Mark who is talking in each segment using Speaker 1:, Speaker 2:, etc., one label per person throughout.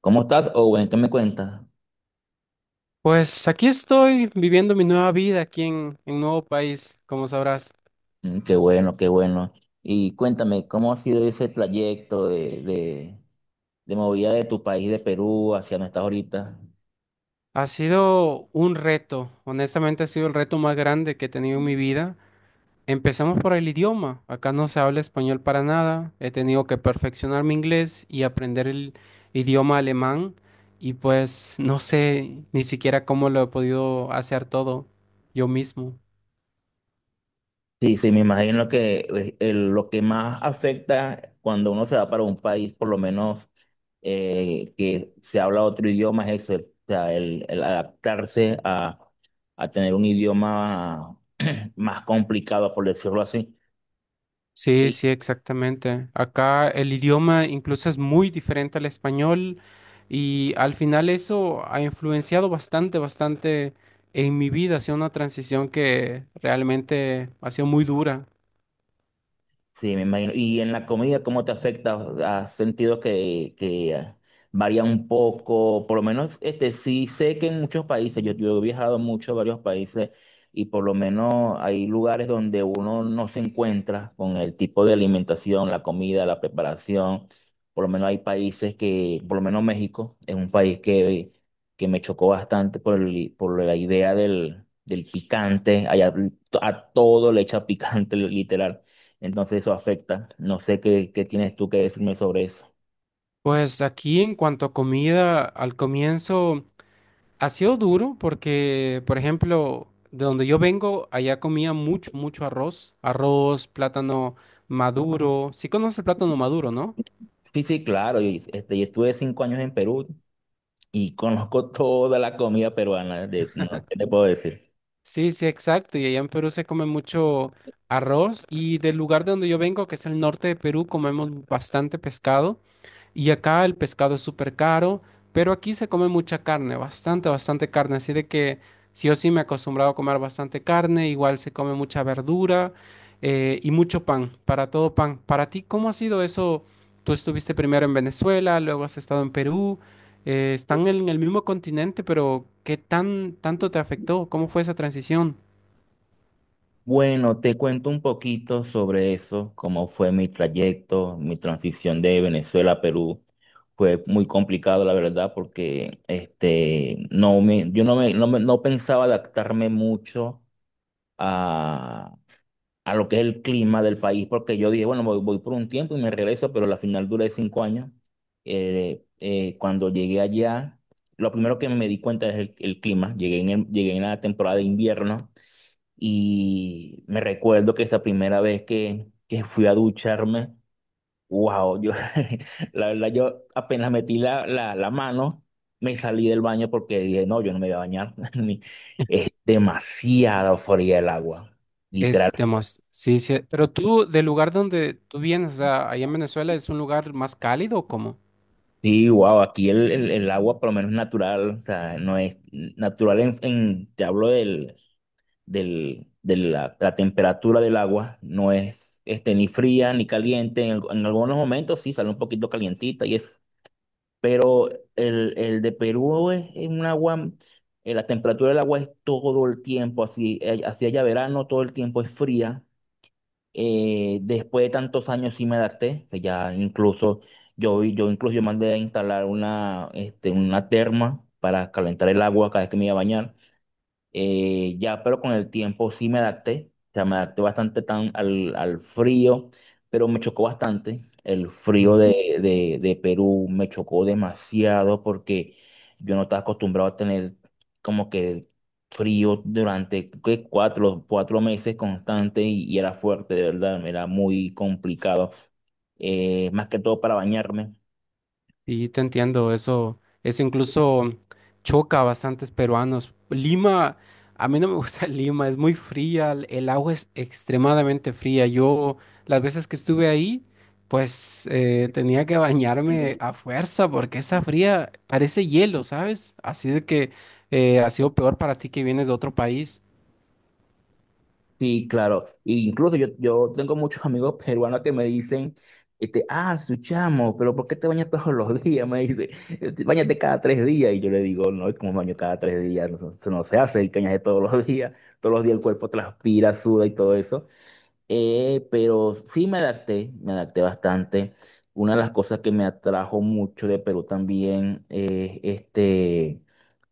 Speaker 1: ¿Cómo estás, Owen? ¿Qué me cuentas?
Speaker 2: Pues aquí estoy viviendo mi nueva vida aquí en un nuevo país, como sabrás.
Speaker 1: Qué bueno, qué bueno. Y cuéntame, ¿cómo ha sido ese trayecto de movida de tu país, de Perú, hacia donde estás ahorita?
Speaker 2: Ha sido un reto, honestamente ha sido el reto más grande que he tenido en mi vida. Empezamos por el idioma. Acá no se habla español para nada. He tenido que perfeccionar mi inglés y aprender el idioma alemán. Y pues no sé ni siquiera cómo lo he podido hacer todo yo mismo.
Speaker 1: Sí, sí, me imagino que lo que más afecta cuando uno se va para un país, por lo menos que se habla otro idioma, es eso, o sea, el adaptarse a tener un idioma más complicado, por decirlo así.
Speaker 2: Sí, sí, exactamente. Acá el idioma incluso es muy diferente al español y al final eso ha influenciado bastante, bastante en mi vida. Ha sido una transición que realmente ha sido muy dura.
Speaker 1: Sí, me imagino. ¿Y en la comida cómo te afecta? ¿Has sentido que varía un poco? Por lo menos, este, sí sé que en muchos países, yo he viajado mucho a varios países y por lo menos hay lugares donde uno no se encuentra con el tipo de alimentación, la comida, la preparación. Por lo menos hay países que, por lo menos México, es un país que me chocó bastante por por la idea del picante. Allá a todo le echa picante, literal. Entonces eso afecta. No sé qué tienes tú que decirme sobre eso.
Speaker 2: Pues aquí en cuanto a comida, al comienzo ha sido duro porque, por ejemplo, de donde yo vengo, allá comía mucho, mucho arroz, arroz, plátano maduro. Sí conoces el plátano maduro, ¿no?
Speaker 1: Sí, sí, claro. Y, este, yo estuve 5 años en Perú y conozco toda la comida peruana. De, no, ¿qué te puedo decir?
Speaker 2: Sí, sí, exacto. Y allá en Perú se come mucho arroz y del lugar de donde yo vengo, que es el norte de Perú, comemos bastante pescado. Y acá el pescado es súper caro, pero aquí se come mucha carne, bastante, bastante carne. Así de que sí o sí me he acostumbrado a comer bastante carne, igual se come mucha verdura, y mucho pan, para todo pan. Para ti, ¿cómo ha sido eso? Tú estuviste primero en Venezuela, luego has estado en Perú, están en el mismo continente, pero ¿qué tanto te afectó? ¿Cómo fue esa transición?
Speaker 1: Bueno, te cuento un poquito sobre eso, cómo fue mi trayecto, mi transición de Venezuela a Perú. Fue muy complicado, la verdad, porque este, no me, yo no, me, no, me- no pensaba adaptarme mucho a lo que es el clima del país, porque yo dije, bueno, voy por un tiempo y me regreso, pero la final duré 5 años. Cuando llegué allá, lo primero que me di cuenta es el clima. Llegué en, llegué en la temporada de invierno y me recuerdo que esa primera vez que fui a ducharme, wow, yo, la verdad, yo apenas metí la mano, me salí del baño porque dije, no, yo no me voy a bañar. Es demasiado fría el agua, literal.
Speaker 2: Es demás, sí, sí. Pero tú, del lugar donde tú vienes, o sea, allá en Venezuela, ¿es un lugar más cálido o cómo?
Speaker 1: Sí, wow, aquí el agua por lo menos natural, o sea, no es natural en, te hablo la temperatura del agua, no es este, ni fría ni caliente, en algunos momentos sí sale un poquito calientita y eso, pero el de Perú es un agua, la temperatura del agua es todo el tiempo así, así haya verano, todo el tiempo es fría. Después de tantos años sí me adapté, que ya incluso yo mandé a instalar una, este, una terma para calentar el agua cada vez que me iba a bañar. Ya, pero con el tiempo sí me adapté, o sea, me adapté bastante tan al frío, pero me chocó bastante. El frío de Perú me chocó demasiado porque yo no estaba acostumbrado a tener como que frío durante ¿qué? 4 meses constante y era fuerte, de verdad, era muy complicado, más que todo para bañarme.
Speaker 2: Y te entiendo, eso incluso choca a bastantes peruanos. Lima, a mí no me gusta Lima, es muy fría, el agua es extremadamente fría. Yo, las veces que estuve ahí, pues tenía que bañarme a fuerza porque esa fría parece hielo, ¿sabes? Así de que ha sido peor para ti que vienes de otro país.
Speaker 1: Sí, claro. y incluso yo tengo muchos amigos peruanos que me dicen, este, ah, su chamo, pero ¿por qué te bañas todos los días? Me dice, "Este, báñate cada 3 días." Y yo le digo, no, es como baño cada 3 días, no, se no se hace el cañaje todos los días. Todos los días el cuerpo transpira, suda y todo eso. Pero sí me adapté bastante. Una de las cosas que me atrajo mucho de Perú también es este,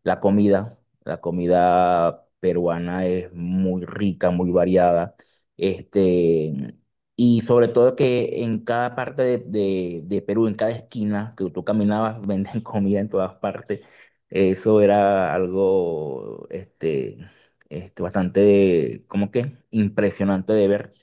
Speaker 1: la comida. La comida peruana es muy rica, muy variada. Este, y sobre todo que en cada parte de Perú, en cada esquina que tú caminabas, venden comida en todas partes. Eso era algo este, este, bastante, como que impresionante de ver.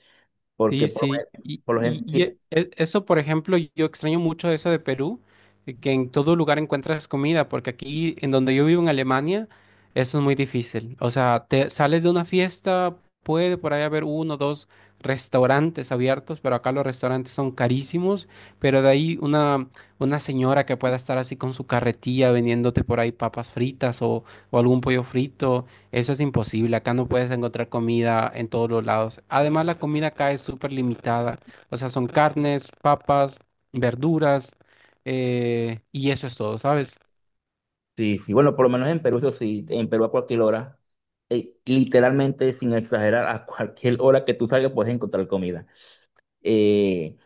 Speaker 1: Porque
Speaker 2: Sí,
Speaker 1: por, lo
Speaker 2: sí,
Speaker 1: men-
Speaker 2: y,
Speaker 1: por lo
Speaker 2: y,
Speaker 1: gen-
Speaker 2: y
Speaker 1: sí,
Speaker 2: eso, por ejemplo, yo extraño mucho eso de Perú, que en todo lugar encuentras comida, porque aquí, en donde yo vivo en Alemania, eso es muy difícil. O sea, te sales de una fiesta, puede por ahí haber uno o dos restaurantes abiertos, pero acá los restaurantes son carísimos, pero de ahí una señora que pueda estar así con su carretilla vendiéndote por ahí papas fritas o algún pollo frito. Eso es imposible. Acá no puedes encontrar comida en todos los lados. Además, la comida acá es súper limitada. O sea, son carnes, papas, verduras, y eso es todo, ¿sabes?
Speaker 1: sí, sí, bueno, por lo menos en Perú, eso sí, en Perú a cualquier hora, literalmente sin exagerar, a cualquier hora que tú salgas puedes encontrar comida. eh,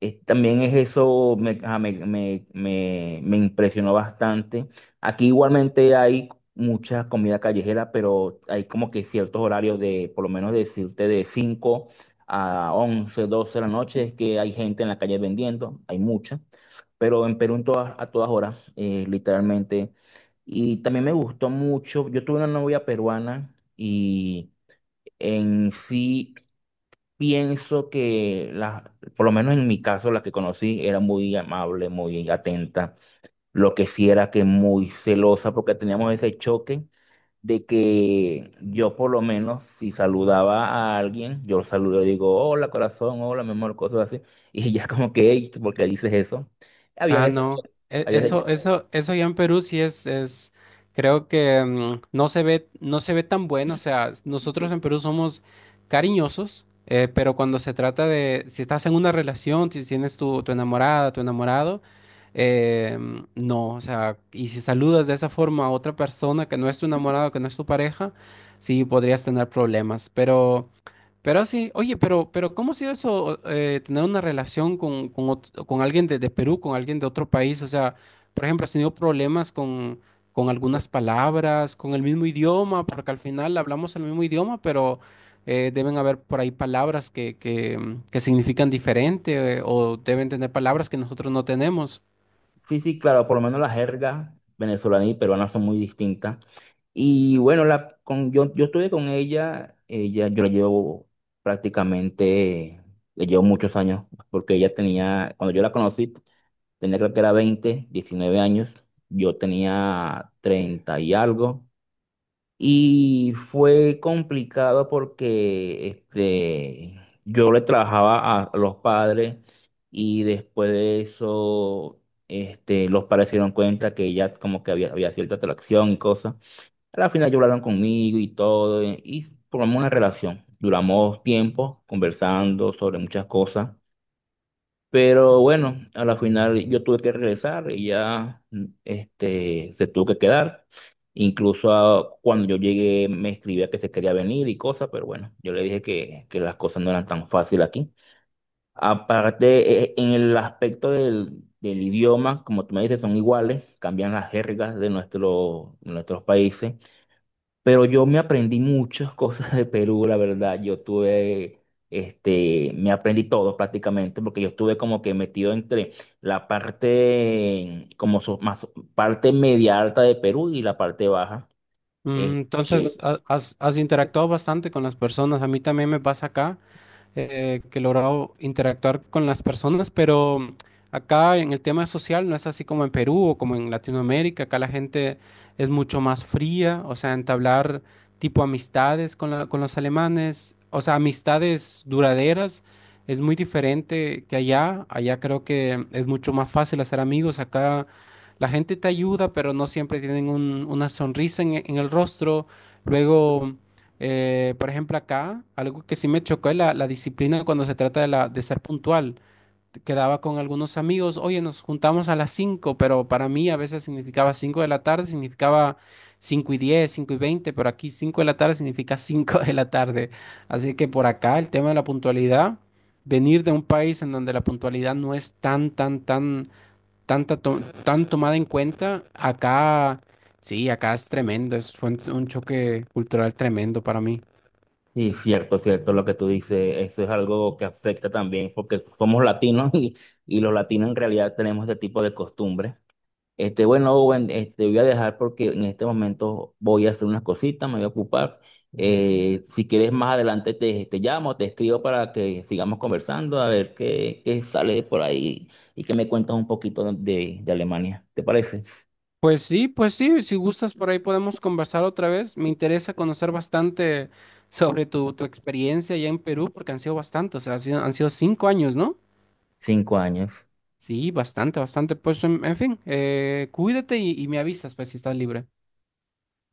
Speaker 1: También es eso, me, ah, me- me- me impresionó bastante. Aquí igualmente hay mucha comida callejera, pero hay como que ciertos horarios de, por lo menos decirte, de 5 a 11 12 de la noche, es que hay gente en la calle vendiendo, hay mucha, pero en Perú a todas horas, literalmente. Y también me gustó mucho, yo tuve una novia peruana y en sí pienso que por lo menos en mi caso, la que conocí era muy amable, muy atenta. Lo que sí era que muy celosa porque teníamos ese choque de que yo por lo menos si saludaba a alguien, yo lo saludo, digo, hola corazón, hola mi amor, cosas así. Y ya como que, "Ey, ¿por qué dices eso?" Había
Speaker 2: Ah,
Speaker 1: ese
Speaker 2: no.
Speaker 1: choque.
Speaker 2: E-
Speaker 1: Había
Speaker 2: Eso,
Speaker 1: ese
Speaker 2: eso, eso ya en Perú sí es, creo que no se ve tan bueno. O sea, nosotros en Perú somos cariñosos, pero cuando se trata de, si estás en una relación, si tienes tu enamorada, tu enamorado, no, o sea, y si saludas de esa forma a otra persona que no es tu enamorado, que no es tu pareja, sí podrías tener problemas. Pero sí, oye, pero ¿cómo ha sido eso, tener una relación con alguien de Perú, con alguien de otro país? O sea, por ejemplo, ¿has tenido problemas con
Speaker 1: choque.
Speaker 2: algunas palabras, con el mismo idioma? Porque al final hablamos el mismo idioma, pero deben haber por ahí palabras que significan diferente, o deben tener palabras que nosotros no tenemos.
Speaker 1: Sí, sí, claro, por lo menos la jerga venezolana y peruana son muy distintas. Y bueno, yo estuve con ella, yo la llevo prácticamente, le llevo muchos años, porque ella tenía, cuando yo la conocí, tenía creo que era 20, 19 años, yo tenía 30 y algo, y fue complicado porque este, yo le trabajaba a los padres y después de eso este, los padres se dieron cuenta que ya como que había cierta atracción y cosas. A la final lloraron conmigo y todo y formamos una relación. Duramos tiempo conversando sobre muchas cosas. Pero bueno, a la final yo tuve que regresar y ya este, se tuvo que quedar. Incluso cuando yo llegué me escribía que se quería venir y cosas, pero bueno, yo le dije que las cosas no eran tan fáciles aquí. Aparte, en el aspecto del idioma, como tú me dices, son iguales, cambian las jergas de, nuestro, de nuestros países. Pero yo me aprendí muchas cosas de Perú, la verdad. Yo tuve, este, me aprendí todo prácticamente, porque yo estuve como que metido entre la parte, parte media alta de Perú y la parte baja. Este,
Speaker 2: Entonces, has interactuado bastante con las personas. A mí también me pasa acá. Que he logrado interactuar con las personas, pero acá en el tema social no es así como en Perú o como en Latinoamérica, acá la gente es mucho más fría, o sea, entablar tipo amistades con los alemanes, o sea, amistades duraderas. Es muy diferente que allá. Allá creo que es mucho más fácil hacer amigos. Acá la gente te ayuda, pero no siempre tienen una sonrisa en el rostro. Luego, por ejemplo, acá algo que sí me chocó es la disciplina cuando se trata de, de ser puntual. Quedaba con algunos amigos, oye, nos juntamos a las 5, pero para mí a veces significaba 5 de la tarde, significaba 5:10, 5:20. Pero aquí 5 de la tarde significa 5 de la tarde. Así que por acá el tema de la puntualidad, venir de un país en donde la puntualidad no es tan tomada en cuenta, acá. Sí, acá es tremendo, es fue un choque cultural tremendo para mí.
Speaker 1: sí, cierto, cierto, lo que tú dices, eso es algo que afecta también, porque somos latinos y los latinos en realidad tenemos este tipo de costumbres. Este, bueno, Owen, este, voy a dejar porque en este momento voy a hacer unas cositas, me voy a ocupar. Si quieres más adelante te llamo, te escribo para que sigamos conversando, a ver qué sale por ahí y que me cuentas un poquito de Alemania. ¿Te parece?
Speaker 2: Pues sí, si gustas por ahí podemos conversar otra vez. Me interesa conocer bastante sobre tu experiencia allá en Perú, porque han sido bastante, o sea, han sido 5 años, ¿no?
Speaker 1: 5 años.
Speaker 2: Sí, bastante, bastante. Pues en fin, cuídate y me avisas, pues si estás libre.